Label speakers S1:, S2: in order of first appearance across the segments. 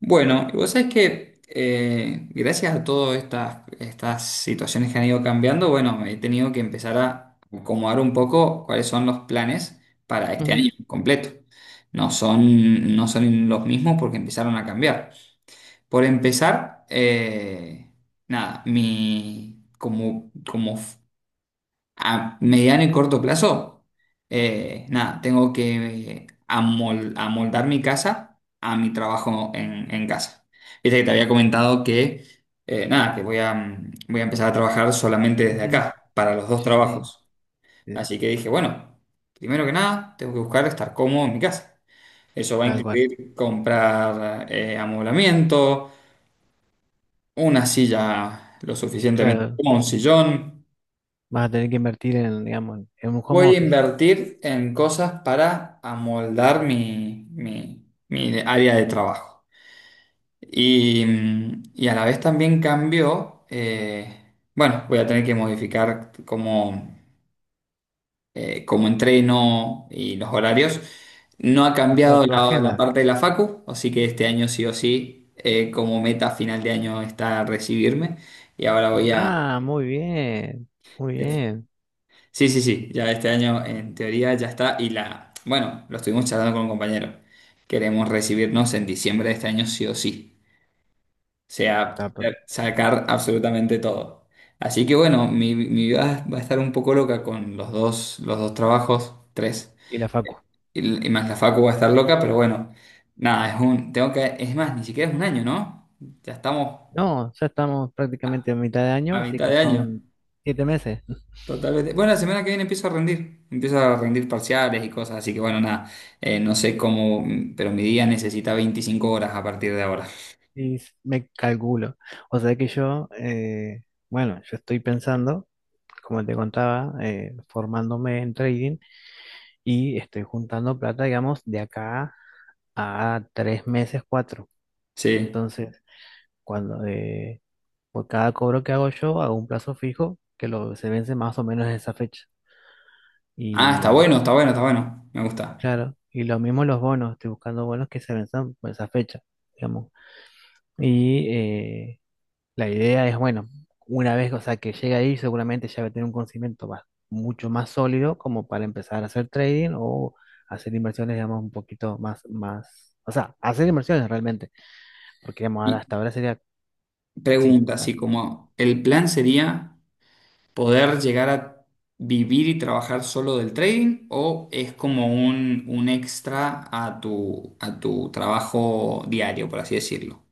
S1: Bueno, y vos sabés que gracias a todas estas situaciones que han ido cambiando, bueno, he tenido que empezar a acomodar un poco cuáles son los planes para este
S2: Ujú,
S1: año completo. No son los mismos porque empezaron a cambiar. Por empezar, nada, mi, como, como a mediano y corto plazo, nada, tengo que amoldar mi casa a mi trabajo en casa. Viste que te había comentado que, nada, que voy a empezar a trabajar solamente desde
S2: ujú.
S1: acá, para los dos
S2: Sí, sí,
S1: trabajos.
S2: sí,
S1: Así que dije, bueno, primero que nada, tengo que buscar estar cómodo en mi casa. Eso va a
S2: tal cual.
S1: incluir comprar amoblamiento, una silla lo suficientemente
S2: Claro,
S1: cómoda, un sillón.
S2: vas a tener que invertir en, digamos, en un home
S1: Voy a
S2: office,
S1: invertir en cosas para amoldar mi área de trabajo. Y, y a la vez también cambió, bueno, voy a tener que modificar cómo, cómo entreno y los horarios. No ha
S2: o sea,
S1: cambiado
S2: tu
S1: la
S2: agenda.
S1: parte de la facu, así que este año sí o sí, como meta final de año está recibirme. Y ahora voy a,
S2: Ah, muy bien, muy bien.
S1: sí, sí, sí, ya este año en teoría ya está bueno, lo estuvimos charlando con un compañero. Queremos recibirnos en diciembre de este año sí o sí. O
S2: Está
S1: sea,
S2: per-
S1: sacar absolutamente todo. Así que bueno, mi vida va a estar un poco loca con los dos trabajos, tres.
S2: Y la facu.
S1: Y más la facu va a estar loca, pero bueno, nada, es un, tengo que, es más, ni siquiera es un año, ¿no? Ya estamos
S2: No, ya estamos prácticamente
S1: a,
S2: a mitad de año,
S1: a
S2: así
S1: mitad
S2: que
S1: de año.
S2: son 7 meses.
S1: Totalmente. Bueno, la semana que viene empiezo a rendir. Empiezo a rendir parciales y cosas, así que bueno, nada. No sé cómo, pero mi día necesita 25 horas a partir de ahora.
S2: Y me calculo. O sea que yo, bueno, yo estoy pensando, como te contaba, formándome en trading y estoy juntando plata, digamos, de acá a 3 meses, 4.
S1: Sí.
S2: Entonces, cuando por cada cobro que hago yo, hago un plazo fijo que lo, se vence más o menos en esa fecha.
S1: Ah, está
S2: Y
S1: bueno, está bueno, está bueno. Me gusta.
S2: claro, y lo mismo los bonos, estoy buscando bonos que se venzan por esa fecha, digamos. Y la idea es, bueno, una vez, o sea, que llegue ahí, seguramente ya va a tener un conocimiento mucho más sólido como para empezar a hacer trading o hacer inversiones, digamos, un poquito más, más, o sea, hacer inversiones realmente, porque digamos,
S1: Y
S2: hasta ahora sería, sí.
S1: pregunta, así
S2: Bueno,
S1: como, ¿el plan sería poder llegar a vivir y trabajar solo del trading o es como un extra a a tu trabajo diario, por así decirlo?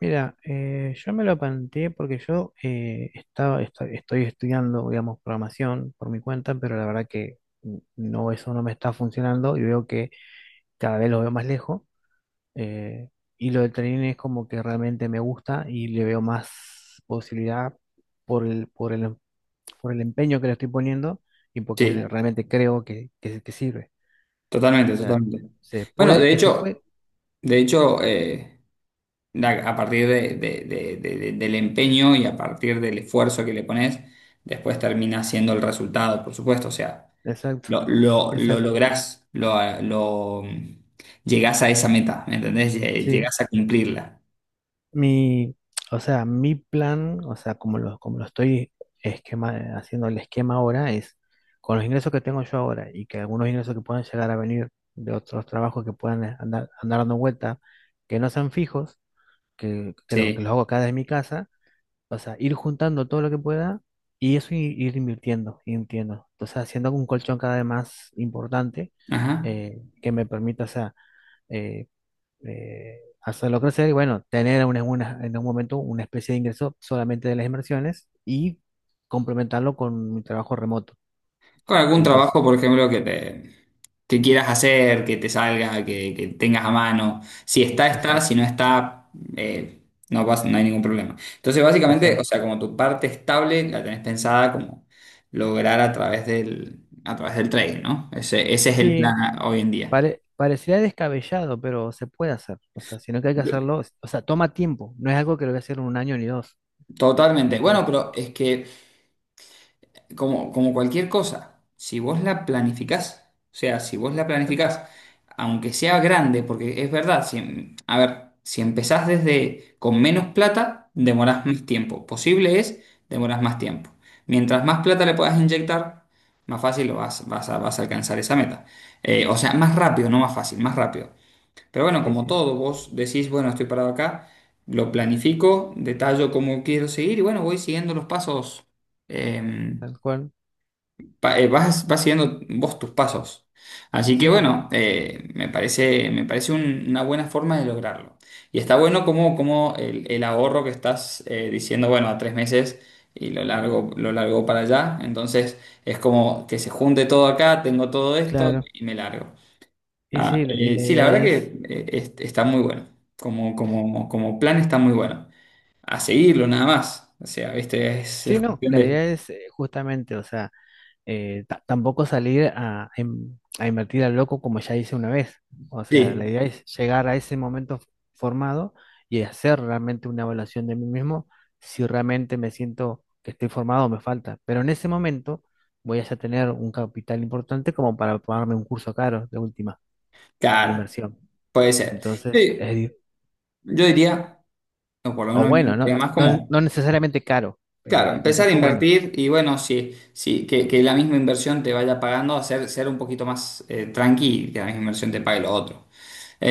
S2: mira, yo me lo planteé porque yo estoy estudiando, digamos, programación por mi cuenta, pero la verdad que no, eso no me está funcionando y veo que cada vez lo veo más lejos. eh, y lo del trading es como que realmente me gusta y le veo más posibilidad por el, por el, por el empeño que le estoy poniendo y
S1: Sí,
S2: porque realmente creo que sirve. O
S1: totalmente,
S2: sea,
S1: totalmente.
S2: se
S1: Bueno,
S2: puede, que se puede.
S1: de hecho, da- a partir de- del empeño y a partir del esfuerzo que le pones, después termina siendo el resultado, por supuesto. O sea,
S2: Exacto,
S1: lo
S2: exacto.
S1: lográs, llegás a esa meta, ¿me entendés?
S2: Sí.
S1: Llegás a cumplirla.
S2: Mi, o sea, mi plan, o sea, como lo estoy esquema, haciendo el esquema ahora, es con los ingresos que tengo yo ahora y que algunos ingresos que puedan llegar a venir de otros trabajos que puedan andar dando vuelta, que no sean fijos, que los
S1: Sí.
S2: hago acá desde mi casa, o sea, ir juntando todo lo que pueda y eso ir, invirtiendo, invirtiendo. Entonces, haciendo un colchón cada vez más importante
S1: Ajá.
S2: que me permita, o sea, eh, hacerlo crecer y bueno, tener en un momento una especie de ingreso solamente de las inversiones y complementarlo con mi trabajo remoto.
S1: Con algún
S2: Entonces,
S1: trabajo, por ejemplo, que quieras hacer, que te salga, que tengas a mano. Si está, está, si
S2: exacto,
S1: no está, eh, no hay ningún problema. Entonces, básicamente, o
S2: exacto.
S1: sea, como tu parte estable la tenés pensada como lograr a través del trading, ¿no? Ese es el plan
S2: Sí,
S1: hoy en día.
S2: parecería descabellado, pero se puede hacer. O sea, sino que hay que
S1: Yo-
S2: hacerlo, o sea, toma tiempo. No es algo que lo voy a hacer en un año, ni dos,
S1: Totalmente.
S2: ni tres.
S1: Bueno, pero es que como, como cualquier cosa, si vos la planificás, o sea, si vos la
S2: Exacto.
S1: planificás, aunque sea grande, porque es verdad, si, a ver, si empezás desde con menos plata, demorás más tiempo. Posible es, demorás más tiempo. Mientras más plata le puedas inyectar, más fácil lo vas, vas a, vas a alcanzar esa meta. O sea, más rápido, no más fácil, más rápido. Pero bueno,
S2: Sí,
S1: como
S2: sí,
S1: todo, vos decís, bueno, estoy parado acá, lo planifico, detallo cómo quiero seguir y bueno, voy siguiendo los pasos. em,
S2: tal cual.
S1: vas siguiendo vos tus pasos. Así que
S2: Sí,
S1: bueno, me parece una buena forma de lograrlo. Y está bueno como, como el ahorro que estás diciendo, bueno, a tres meses y lo largo para allá. Entonces es como que se junte todo acá, tengo todo esto
S2: claro.
S1: y me largo.
S2: Y
S1: Ah,
S2: sí, y la
S1: sí, la
S2: idea
S1: verdad que
S2: es,
S1: está muy bueno. Como, como, como plan está muy bueno. A seguirlo nada más. O sea, ¿viste?
S2: sí,
S1: Es
S2: no,
S1: cuestión
S2: la
S1: de...
S2: idea es justamente, o sea, tampoco salir a invertir al loco como ya hice una vez. O sea, la
S1: Sí,
S2: idea es llegar a ese momento formado y hacer realmente una evaluación de mí mismo si realmente me siento que estoy formado o me falta. Pero en ese momento voy a ya tener un capital importante como para pagarme un curso caro de última, de
S1: claro.
S2: inversión.
S1: Puede ser.
S2: Entonces,
S1: Sí, yo diría, o por lo
S2: o
S1: menos me
S2: bueno, no,
S1: gustaría más
S2: no,
S1: como,
S2: no necesariamente caro,
S1: claro,
S2: un
S1: empezar a
S2: curso bueno.
S1: invertir y bueno, sí, sí, que la misma inversión te vaya pagando, hacer, ser un poquito más tranqui y que la misma inversión te pague lo otro.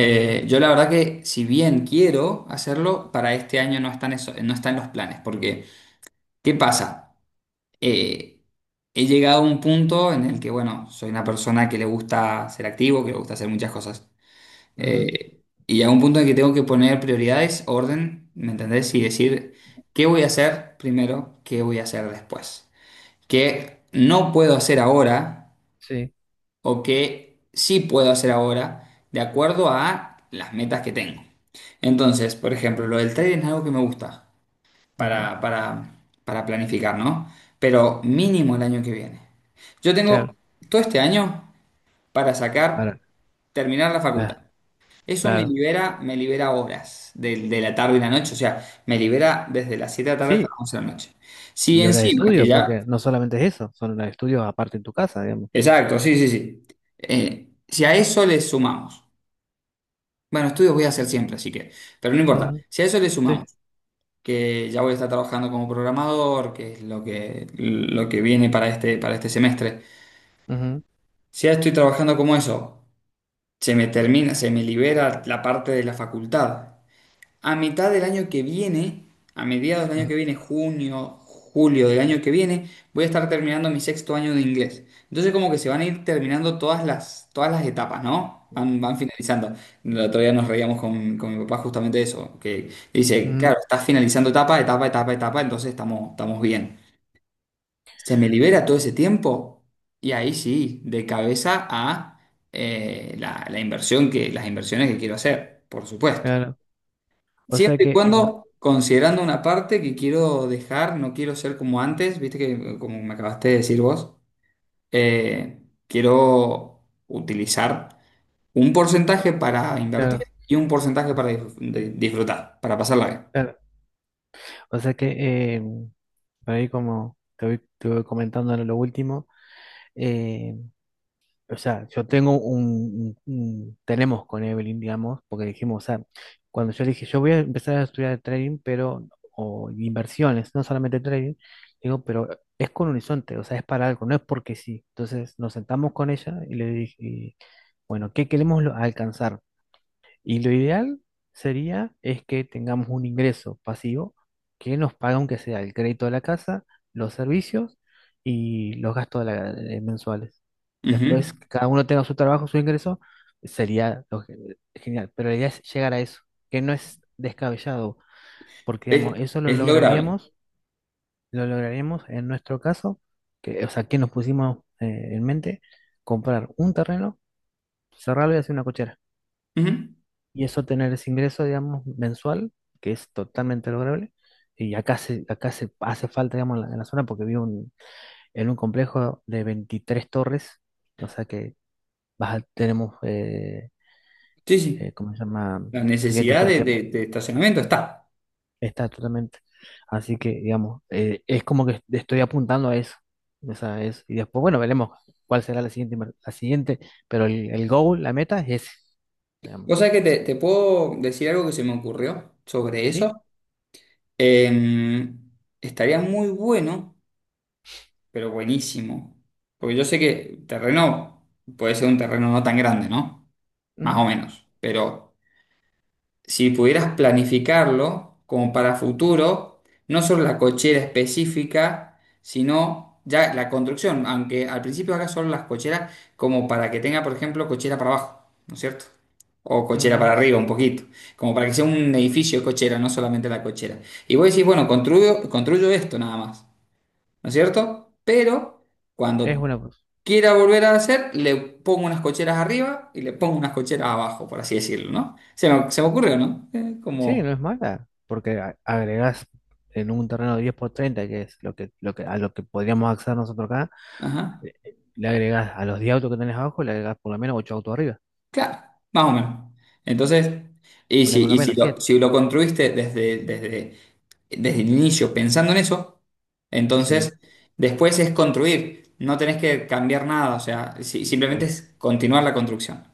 S2: Ujú,
S1: Yo la verdad que si bien quiero hacerlo, para este año no están los planes, porque ¿qué pasa? Eh, he llegado a un punto en el que, bueno, soy una persona que le gusta ser activo, que le gusta hacer muchas cosas.
S2: ujú,
S1: Eh, y a un punto en que tengo que poner prioridades, orden, ¿me entendés? Y decir qué voy a hacer primero, qué voy a hacer después. Qué no puedo hacer ahora
S2: sí,
S1: o qué sí puedo hacer ahora de acuerdo a las metas que tengo. Entonces, por ejemplo, lo del trading es algo que me gusta
S2: ujú,
S1: para, para, para planificar, ¿no? Pero mínimo el año que viene. Yo
S2: claro.
S1: tengo todo este año para sacar,
S2: Ahora,
S1: terminar la facultad.
S2: cla- claro.
S1: Me libera horas de la tarde y la noche, o sea, me libera desde las 7 de la tarde hasta
S2: Sí,
S1: las 11 de la noche. Si
S2: y horas de
S1: encima, que
S2: estudio,
S1: ya,
S2: porque no solamente es eso, son horas de estudio aparte en tu casa, digamos.
S1: exacto, sí, sí, sí. Si a eso le sumamos, bueno, estudios voy a hacer siempre, así que, pero no importa,
S2: Ujú,
S1: si a eso le
S2: sí,
S1: sumamos, que ya voy a estar trabajando como programador, que es lo que viene para este semestre,
S2: ujú,
S1: si ya estoy trabajando como eso, se me libera la parte de la facultad. A mitad del año que viene, a mediados del año
S2: ujú,
S1: que viene, junio, julio del año que viene, voy a estar terminando mi sexto año de inglés. Entonces como que se van a ir terminando todas todas las etapas, ¿no? Van,
S2: ujú,
S1: van finalizando. El otro día nos reíamos con mi papá justamente de eso, que dice, claro,
S2: ujú,
S1: estás finalizando etapa, etapa, etapa, etapa, entonces estamos, estamos bien. Se me libera todo ese tiempo y ahí sí, de cabeza a la inversión que, las inversiones que quiero hacer, por supuesto.
S2: claro. O sea
S1: Siempre y
S2: que,
S1: cuando considerando una parte que quiero dejar, no quiero ser como antes, viste que como me acabaste de decir vos, eh, quiero utilizar un porcentaje para invertir
S2: claro,
S1: y un porcentaje
S2: o
S1: para
S2: s-
S1: disfrutar, para pasarla
S2: claro. O sea que, por ahí como te voy comentando en lo último, eh, O sea, yo tengo tenemos con Evelyn, digamos, porque dijimos, o sea, cuando yo dije, yo voy a empezar a estudiar trading, pero, o inversiones, no solamente trading, digo, pero es con horizonte, o sea, es para algo, no es porque sí. Entonces nos sentamos con ella y le dije, y, bueno, ¿qué queremos alcanzar? Y lo ideal sería es que tengamos un ingreso pasivo que nos paga aunque sea el crédito de la casa, los servicios y los gastos de mensuales.
S1: bien.
S2: Después,
S1: Ujú.
S2: que cada uno tenga su trabajo, su ingreso, sería lo genial. Pero la idea es llegar a eso, que no es descabellado, porque digamos, eso
S1: Es lograble.
S2: lo lograríamos en nuestro caso, que, o sea, que nos pusimos en mente comprar un terreno, cerrarlo y hacer una cochera
S1: Ujú.
S2: y eso tener ese ingreso, digamos, mensual, que es totalmente lograble. Y acá se hace falta, digamos, en la zona porque vivo en un complejo de 23 torres, o sea que tenemos,
S1: Sí, sí.
S2: ¿cómo se llama?
S1: La
S2: Clientes
S1: necesidad
S2: todo el
S1: de,
S2: tiempo.
S1: de estacionamiento está.
S2: Está totalmente. Así que, digamos, es como que estoy apuntando a eso. O sea, y después, bueno, veremos cuál será la siguiente, pero el goal, la meta es ese, digamos.
S1: Vos sabés que te puedo decir algo que se me ocurrió sobre
S2: ¿Sí?
S1: eso. Em, estaría muy bueno, pero buenísimo. Porque yo sé que el terreno puede ser un terreno no tan grande, ¿no? Más
S2: Ujú.
S1: o menos. Pero si pudieras planificarlo como para futuro, no solo la cochera específica, sino ya la construcción, aunque al principio haga solo las cocheras como para que tenga, por ejemplo, cochera para abajo, ¿no es cierto? O cochera
S2: Mm,
S1: para arriba un poquito, como para que sea un edificio de cochera, no solamente la cochera. Y vos decís, bueno, construyo, construyo esto nada más, ¿no es cierto? Pero...
S2: es
S1: Cuando
S2: una.
S1: quiera volver a hacer, le pongo unas cocheras arriba y le pongo unas cocheras abajo, por así decirlo, ¿no? Se me ocurrió, ¿no?
S2: Sí,
S1: Como,
S2: no es mala, porque agregas en un terreno 10 por 30, que es a lo que podríamos acceder nosotros acá,
S1: ajá,
S2: le agregas a los 10 autos que tenés abajo, le agregas por lo menos 8 autos arriba,
S1: claro, más o menos. Entonces,
S2: por lo
S1: y si
S2: menos
S1: lo,
S2: 7.
S1: si lo construiste desde, desde, desde el inicio pensando en eso,
S2: Sí,
S1: entonces después es construir, no tenés que cambiar nada, o sea, simplemente
S2: sí.
S1: es continuar la construcción.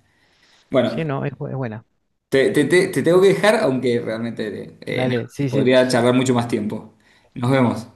S1: Bueno,
S2: Sí, no, es buena.
S1: te tengo que dejar, aunque realmente nada,
S2: Dale, sí, sí.
S1: podría charlar mucho más tiempo. Nos vemos.